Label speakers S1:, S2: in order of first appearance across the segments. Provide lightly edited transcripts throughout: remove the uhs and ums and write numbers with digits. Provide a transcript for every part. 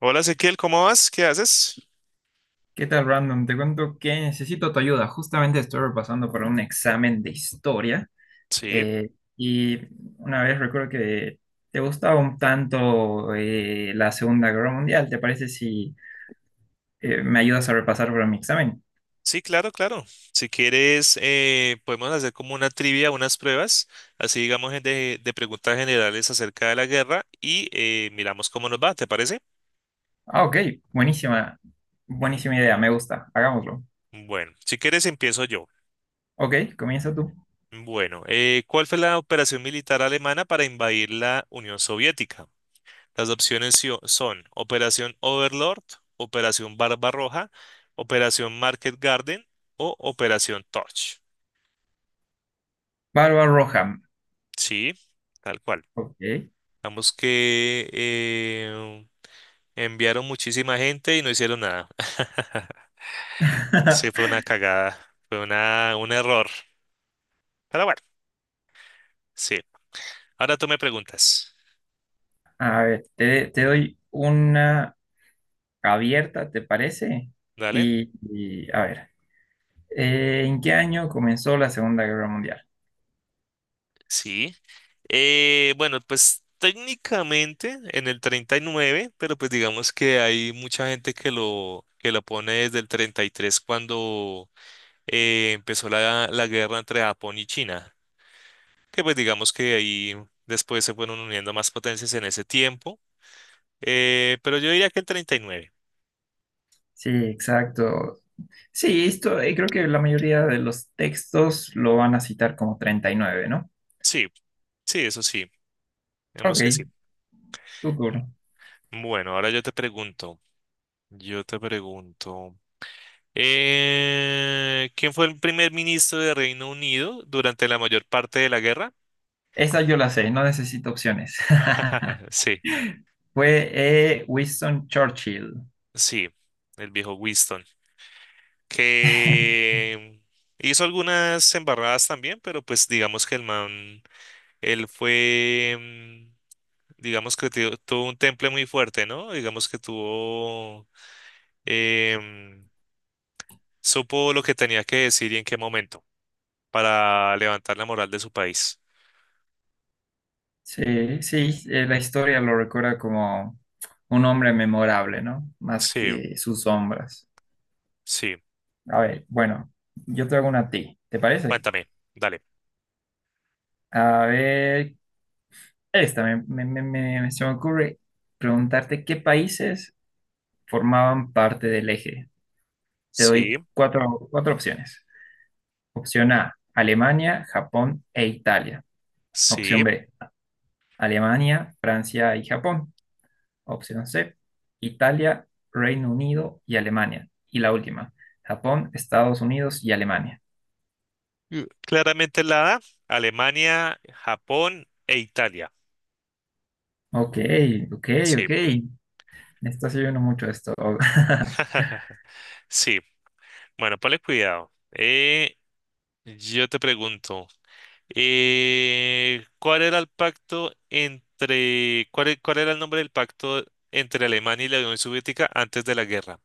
S1: Hola Ezequiel, ¿cómo vas? ¿Qué haces?
S2: ¿Qué tal, Brandon? Te cuento que necesito tu ayuda. Justamente estoy repasando para un examen de historia
S1: Sí,
S2: eh, y una vez recuerdo que te gustaba un tanto la Segunda Guerra Mundial. ¿Te parece si me ayudas a repasar para mi examen?
S1: sí, claro, claro. Si quieres, podemos hacer como una trivia, unas pruebas, así digamos de preguntas generales acerca de la guerra y miramos cómo nos va, ¿te parece?
S2: Ah, ok, buenísima, buenísima idea, me gusta, hagámoslo.
S1: Ujú. Bueno, si quieres empiezo yo.
S2: Ok, comienza tú.
S1: Bueno, ¿cuál fue la operación militar alemana para invadir la Unión Soviética? Las opciones son Operación Overlord, Operación Barbarroja, Operación Market Garden o Operación Torch.
S2: Barba Roja.
S1: Sí, tal cual.
S2: Ok.
S1: Vamos que enviaron muchísima gente y no hicieron nada. Sí, fue una cagada, fue un error. Pero bueno, sí. Ahora tú me preguntas,
S2: A ver, te doy una abierta, ¿te parece?
S1: ¿vale?
S2: Y a ver. ¿En qué año comenzó la Segunda Guerra Mundial?
S1: Sí. Bueno, pues técnicamente en el 39, pero pues digamos que hay mucha gente que que lo pone desde el 33 cuando empezó la guerra entre Japón y China, que pues digamos que ahí después se fueron uniendo más potencias en ese tiempo, pero yo diría que el 39.
S2: Sí, exacto. Sí, esto creo que la mayoría de los textos lo van a citar como 39, ¿no?
S1: Sí, sí, eso sí,
S2: Ok,
S1: digamos que sí.
S2: tu turno.
S1: Bueno, ahora yo te pregunto, yo te pregunto, ¿quién fue el primer ministro de Reino Unido durante la mayor parte de la guerra?
S2: Esa yo la sé, no necesito opciones.
S1: Sí,
S2: Fue Winston Churchill.
S1: sí, el viejo Winston, que hizo algunas embarradas también, pero pues digamos que el man él fue, digamos que tuvo un temple muy fuerte, ¿no? Digamos que tuvo, em, supo lo que tenía que decir y en qué momento para levantar la moral de su país.
S2: Sí, sí, la historia lo recuerda como un hombre memorable, ¿no? Más
S1: Sí,
S2: que sus sombras.
S1: sí,
S2: A ver, bueno, yo te hago una a ti, ¿te parece?
S1: cuéntame, dale.
S2: A ver, Esta me, me- me- me- se me ocurre preguntarte qué países formaban parte del eje. Te
S1: Sí,
S2: doy cuatro opciones. Opción A, Alemania, Japón e Italia.
S1: sí.
S2: Opción B, Alemania, Francia y Japón. Opción C, Italia, Reino Unido y Alemania. Y la última, Japón, Estados Unidos y Alemania.
S1: Mm, claramente la A, Alemania, Japón e Italia.
S2: Ok, ok,
S1: Sí,
S2: ok. Me estás ayudando mucho esto.
S1: sí. Bueno, ponle cuidado. Yo te pregunto. ¿Cuál era el pacto cuál era el nombre del pacto entre Alemania y la Unión Soviética antes de la guerra?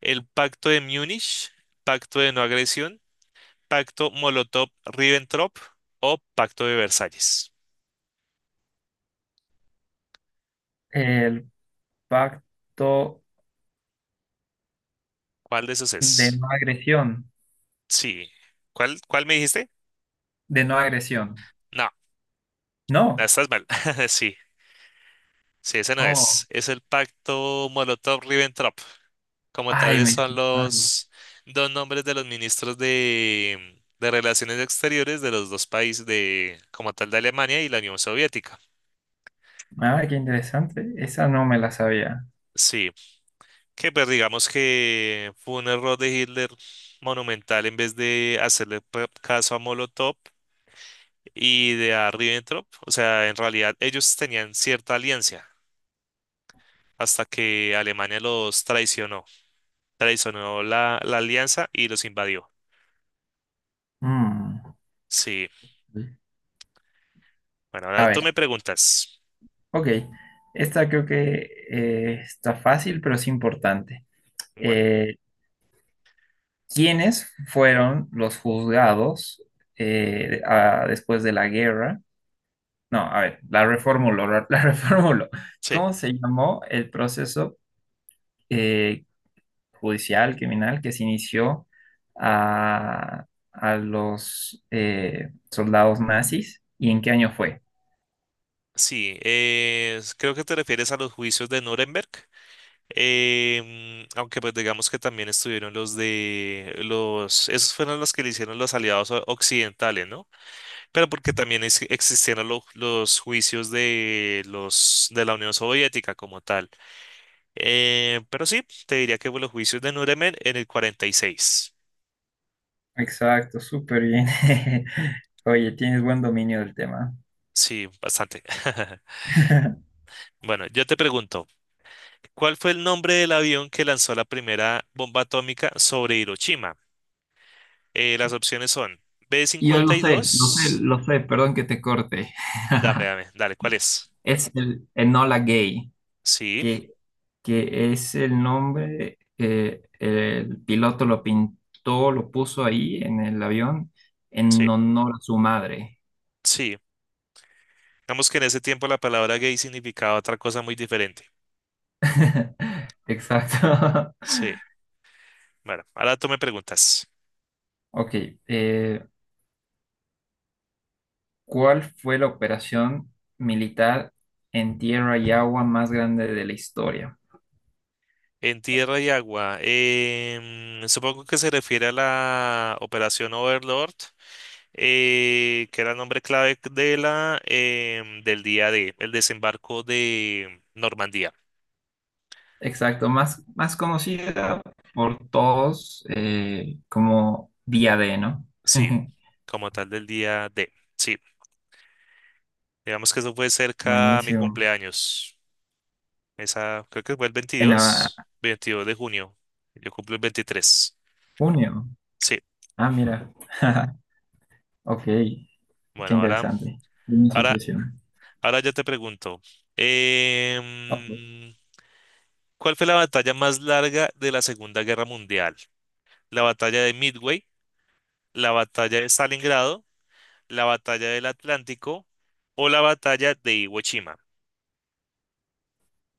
S1: El pacto de Múnich, pacto de no agresión, pacto Molotov-Ribbentrop o pacto de Versalles.
S2: El pacto
S1: ¿Cuál de esos
S2: de
S1: es?
S2: no agresión.
S1: Sí. Cuál me dijiste?
S2: De no agresión.
S1: No,
S2: No.
S1: estás mal. Sí, sí, ese no es.
S2: Oh,
S1: Es el pacto Molotov-Ribbentrop, como
S2: ay,
S1: tales
S2: me
S1: son
S2: estoy- ah,
S1: los dos nombres de los ministros de Relaciones Exteriores de los dos países de, como tal, de Alemania y la Unión Soviética.
S2: ah, qué interesante. Esa no me la sabía.
S1: Sí, que pues digamos que fue un error de Hitler monumental en vez de hacerle caso a Molotov y de a Ribbentrop. O sea, en realidad ellos tenían cierta alianza hasta que Alemania los traicionó, traicionó la alianza y los invadió.
S2: Mm.
S1: Sí, bueno,
S2: A
S1: ahora tú
S2: ver,
S1: me preguntas.
S2: ok. Esta creo que está fácil, pero es importante.
S1: Bueno,
S2: Eh, ¿Quiénes fueron los juzgados después de la guerra? No, a ver, la reformulo, la la reformulo.
S1: sí.
S2: ¿Cómo se llamó el proceso eh, judicial, criminal, que se inició a, a los soldados nazis. ¿Y en qué año fue?
S1: Sí, creo que te refieres a los juicios de Nuremberg, aunque pues digamos que también estuvieron los de esos fueron los que le hicieron los aliados occidentales, ¿no? Pero porque también existieron los juicios de los de la Unión Soviética como tal. Pero sí, te diría que fue los juicios de Nuremberg en el 46.
S2: Exacto, súper bien. Oye, tienes buen dominio del tema.
S1: Sí, bastante. Bueno, yo te pregunto, ¿cuál fue el nombre del avión que lanzó la primera bomba atómica sobre Hiroshima? Las opciones son b
S2: Yo
S1: cincuenta
S2: lo
S1: y
S2: sé, lo sé,
S1: dos.
S2: lo sé, perdón que te corte.
S1: Dame, dale, ¿cuál es?
S2: Es el Enola Gay,
S1: Sí,
S2: que, que es el nombre, el piloto lo pintó, lo puso ahí en el avión en
S1: sí,
S2: honor a su madre.
S1: sí. Digamos que en ese tiempo la palabra gay significaba otra cosa muy diferente.
S2: Exacto.
S1: Sí, bueno, ahora tú me preguntas.
S2: Ok, eh, ¿cuál fue la operación militar en tierra y agua más grande de la historia?
S1: En tierra y agua, supongo que se refiere a la operación Overlord, que era el nombre clave de la, del día D, el desembarco de Normandía.
S2: Exacto, más, más conocida por todos como Día D, ¿no?
S1: Sí, como tal del día D. Sí. Digamos que eso fue cerca a mi
S2: Buenísimo.
S1: cumpleaños. Esa, creo que fue el
S2: En ah,
S1: 22 22 de junio. Yo cumplo el veintitrés.
S2: junio.
S1: Sí,
S2: Ah, mira. Ok, qué
S1: bueno, ahora,
S2: interesante. Buena
S1: ahora,
S2: asociación.
S1: ahora ya te pregunto.
S2: Ok.
S1: em, ¿Cuál fue la batalla más larga de la Segunda Guerra Mundial? ¿La batalla de Midway, la batalla de Stalingrado, la batalla del Atlántico o la batalla de Iwo Jima?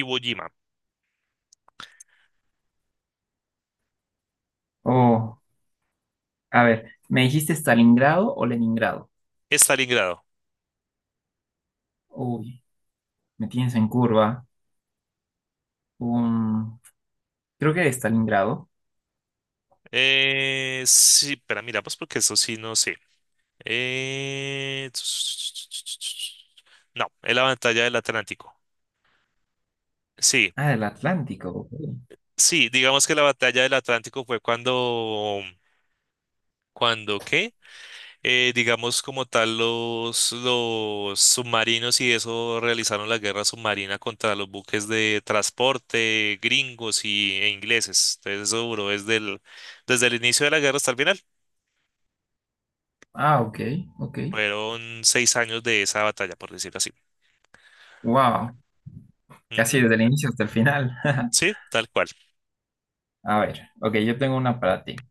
S1: Iwo Jima,
S2: Oh, a ver, ¿me dijiste Stalingrado o Leningrado?
S1: Stalingrado.
S2: Uy, me tienes en curva. un, creo que de Stalingrado.
S1: Sí, pero miramos porque eso sí no sé. Eh, no, es la batalla del Atlántico. Sí,
S2: Ah, del Atlántico. Ok.
S1: sí, digamos que la batalla del Atlántico fue cuando qué, digamos como tal los submarinos y eso realizaron la guerra submarina contra los buques de transporte gringos e ingleses. Entonces eso duró desde desde el inicio de la guerra hasta el final.
S2: Ah, ok, ok.
S1: Fueron seis años de esa batalla, por decirlo así.
S2: Wow, casi
S1: Ujú,
S2: desde el inicio hasta el final.
S1: sí, tal cual.
S2: A ver, ok, yo tengo una para ti.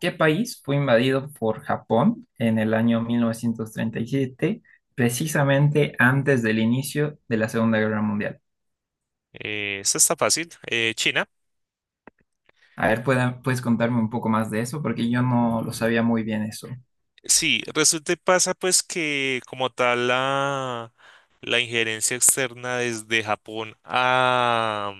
S2: ¿Qué país fue invadido por Japón en el año 1937 precisamente antes del inicio de la Segunda Guerra Mundial?
S1: Esta está fácil. China.
S2: A ver, ¿puedes contarme un poco más de eso? Porque yo no lo sabía muy bien eso.
S1: Sí, resulta y pasa pues que como tal la injerencia externa desde Japón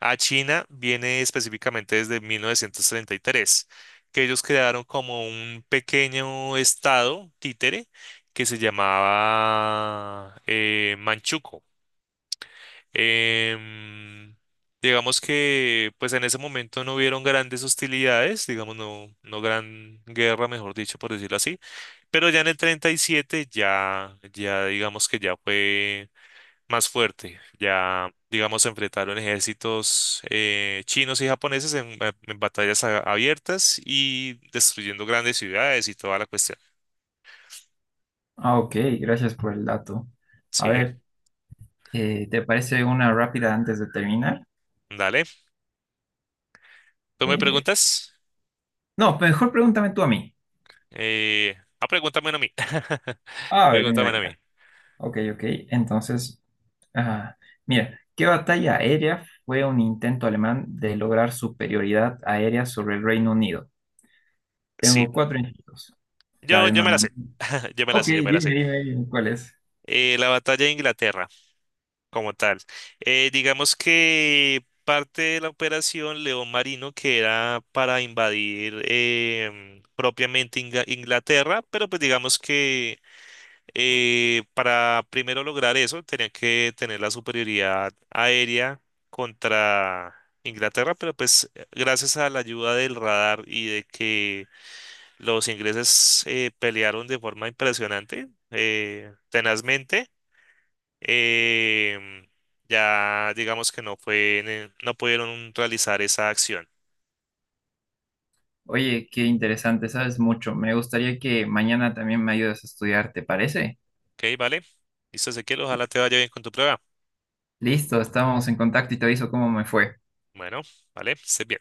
S1: a China viene específicamente desde 1933, que ellos crearon como un pequeño estado títere que se llamaba Manchukuo. Em, digamos que pues en ese momento no hubieron grandes hostilidades, digamos no, no gran guerra, mejor dicho, por decirlo así, pero ya en el 37 ya digamos que ya fue más fuerte, ya digamos se enfrentaron ejércitos chinos y japoneses en batallas abiertas y destruyendo grandes ciudades y toda la cuestión.
S2: Ah, ok, gracias por el dato. A
S1: Sí,
S2: ver, ¿te parece una rápida antes de terminar?
S1: dale. ¿Tú me
S2: Eh,
S1: preguntas?
S2: No, pues, mejor pregúntame tú a mí.
S1: Pregúntame a mí.
S2: A ver, mira
S1: Pregúntame a mí.
S2: acá. Ok, ok. Entonces, ah, mira, ¿qué batalla aérea fue un intento alemán de lograr superioridad aérea sobre el Reino Unido?
S1: Sí.
S2: Tengo cuatro intentos. La
S1: Yo,
S2: de
S1: yo me la sé.
S2: Normandía.
S1: Yo me la
S2: Ok,
S1: sé, yo me la
S2: dime,
S1: sé.
S2: dime, dime, ¿cuál es?
S1: La batalla de Inglaterra, como tal. Digamos que parte de la operación León Marino, que era para invadir propiamente Inglaterra, pero pues digamos que para primero lograr eso, tenían que tener la superioridad aérea contra Inglaterra, pero pues gracias a la ayuda del radar y de que los ingleses pelearon de forma impresionante, tenazmente. em, ya digamos que no fue, no pudieron realizar esa acción.
S2: Oye, qué interesante, sabes mucho. Me gustaría que mañana también me ayudes a estudiar, ¿te parece?
S1: Ok, vale. Listo, Ezequiel, ojalá te vaya bien con tu prueba.
S2: Listo, estamos en contacto y te aviso cómo me fue.
S1: Bueno, vale, estés bien.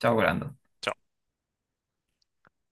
S2: Chao, Brando.
S1: Chao.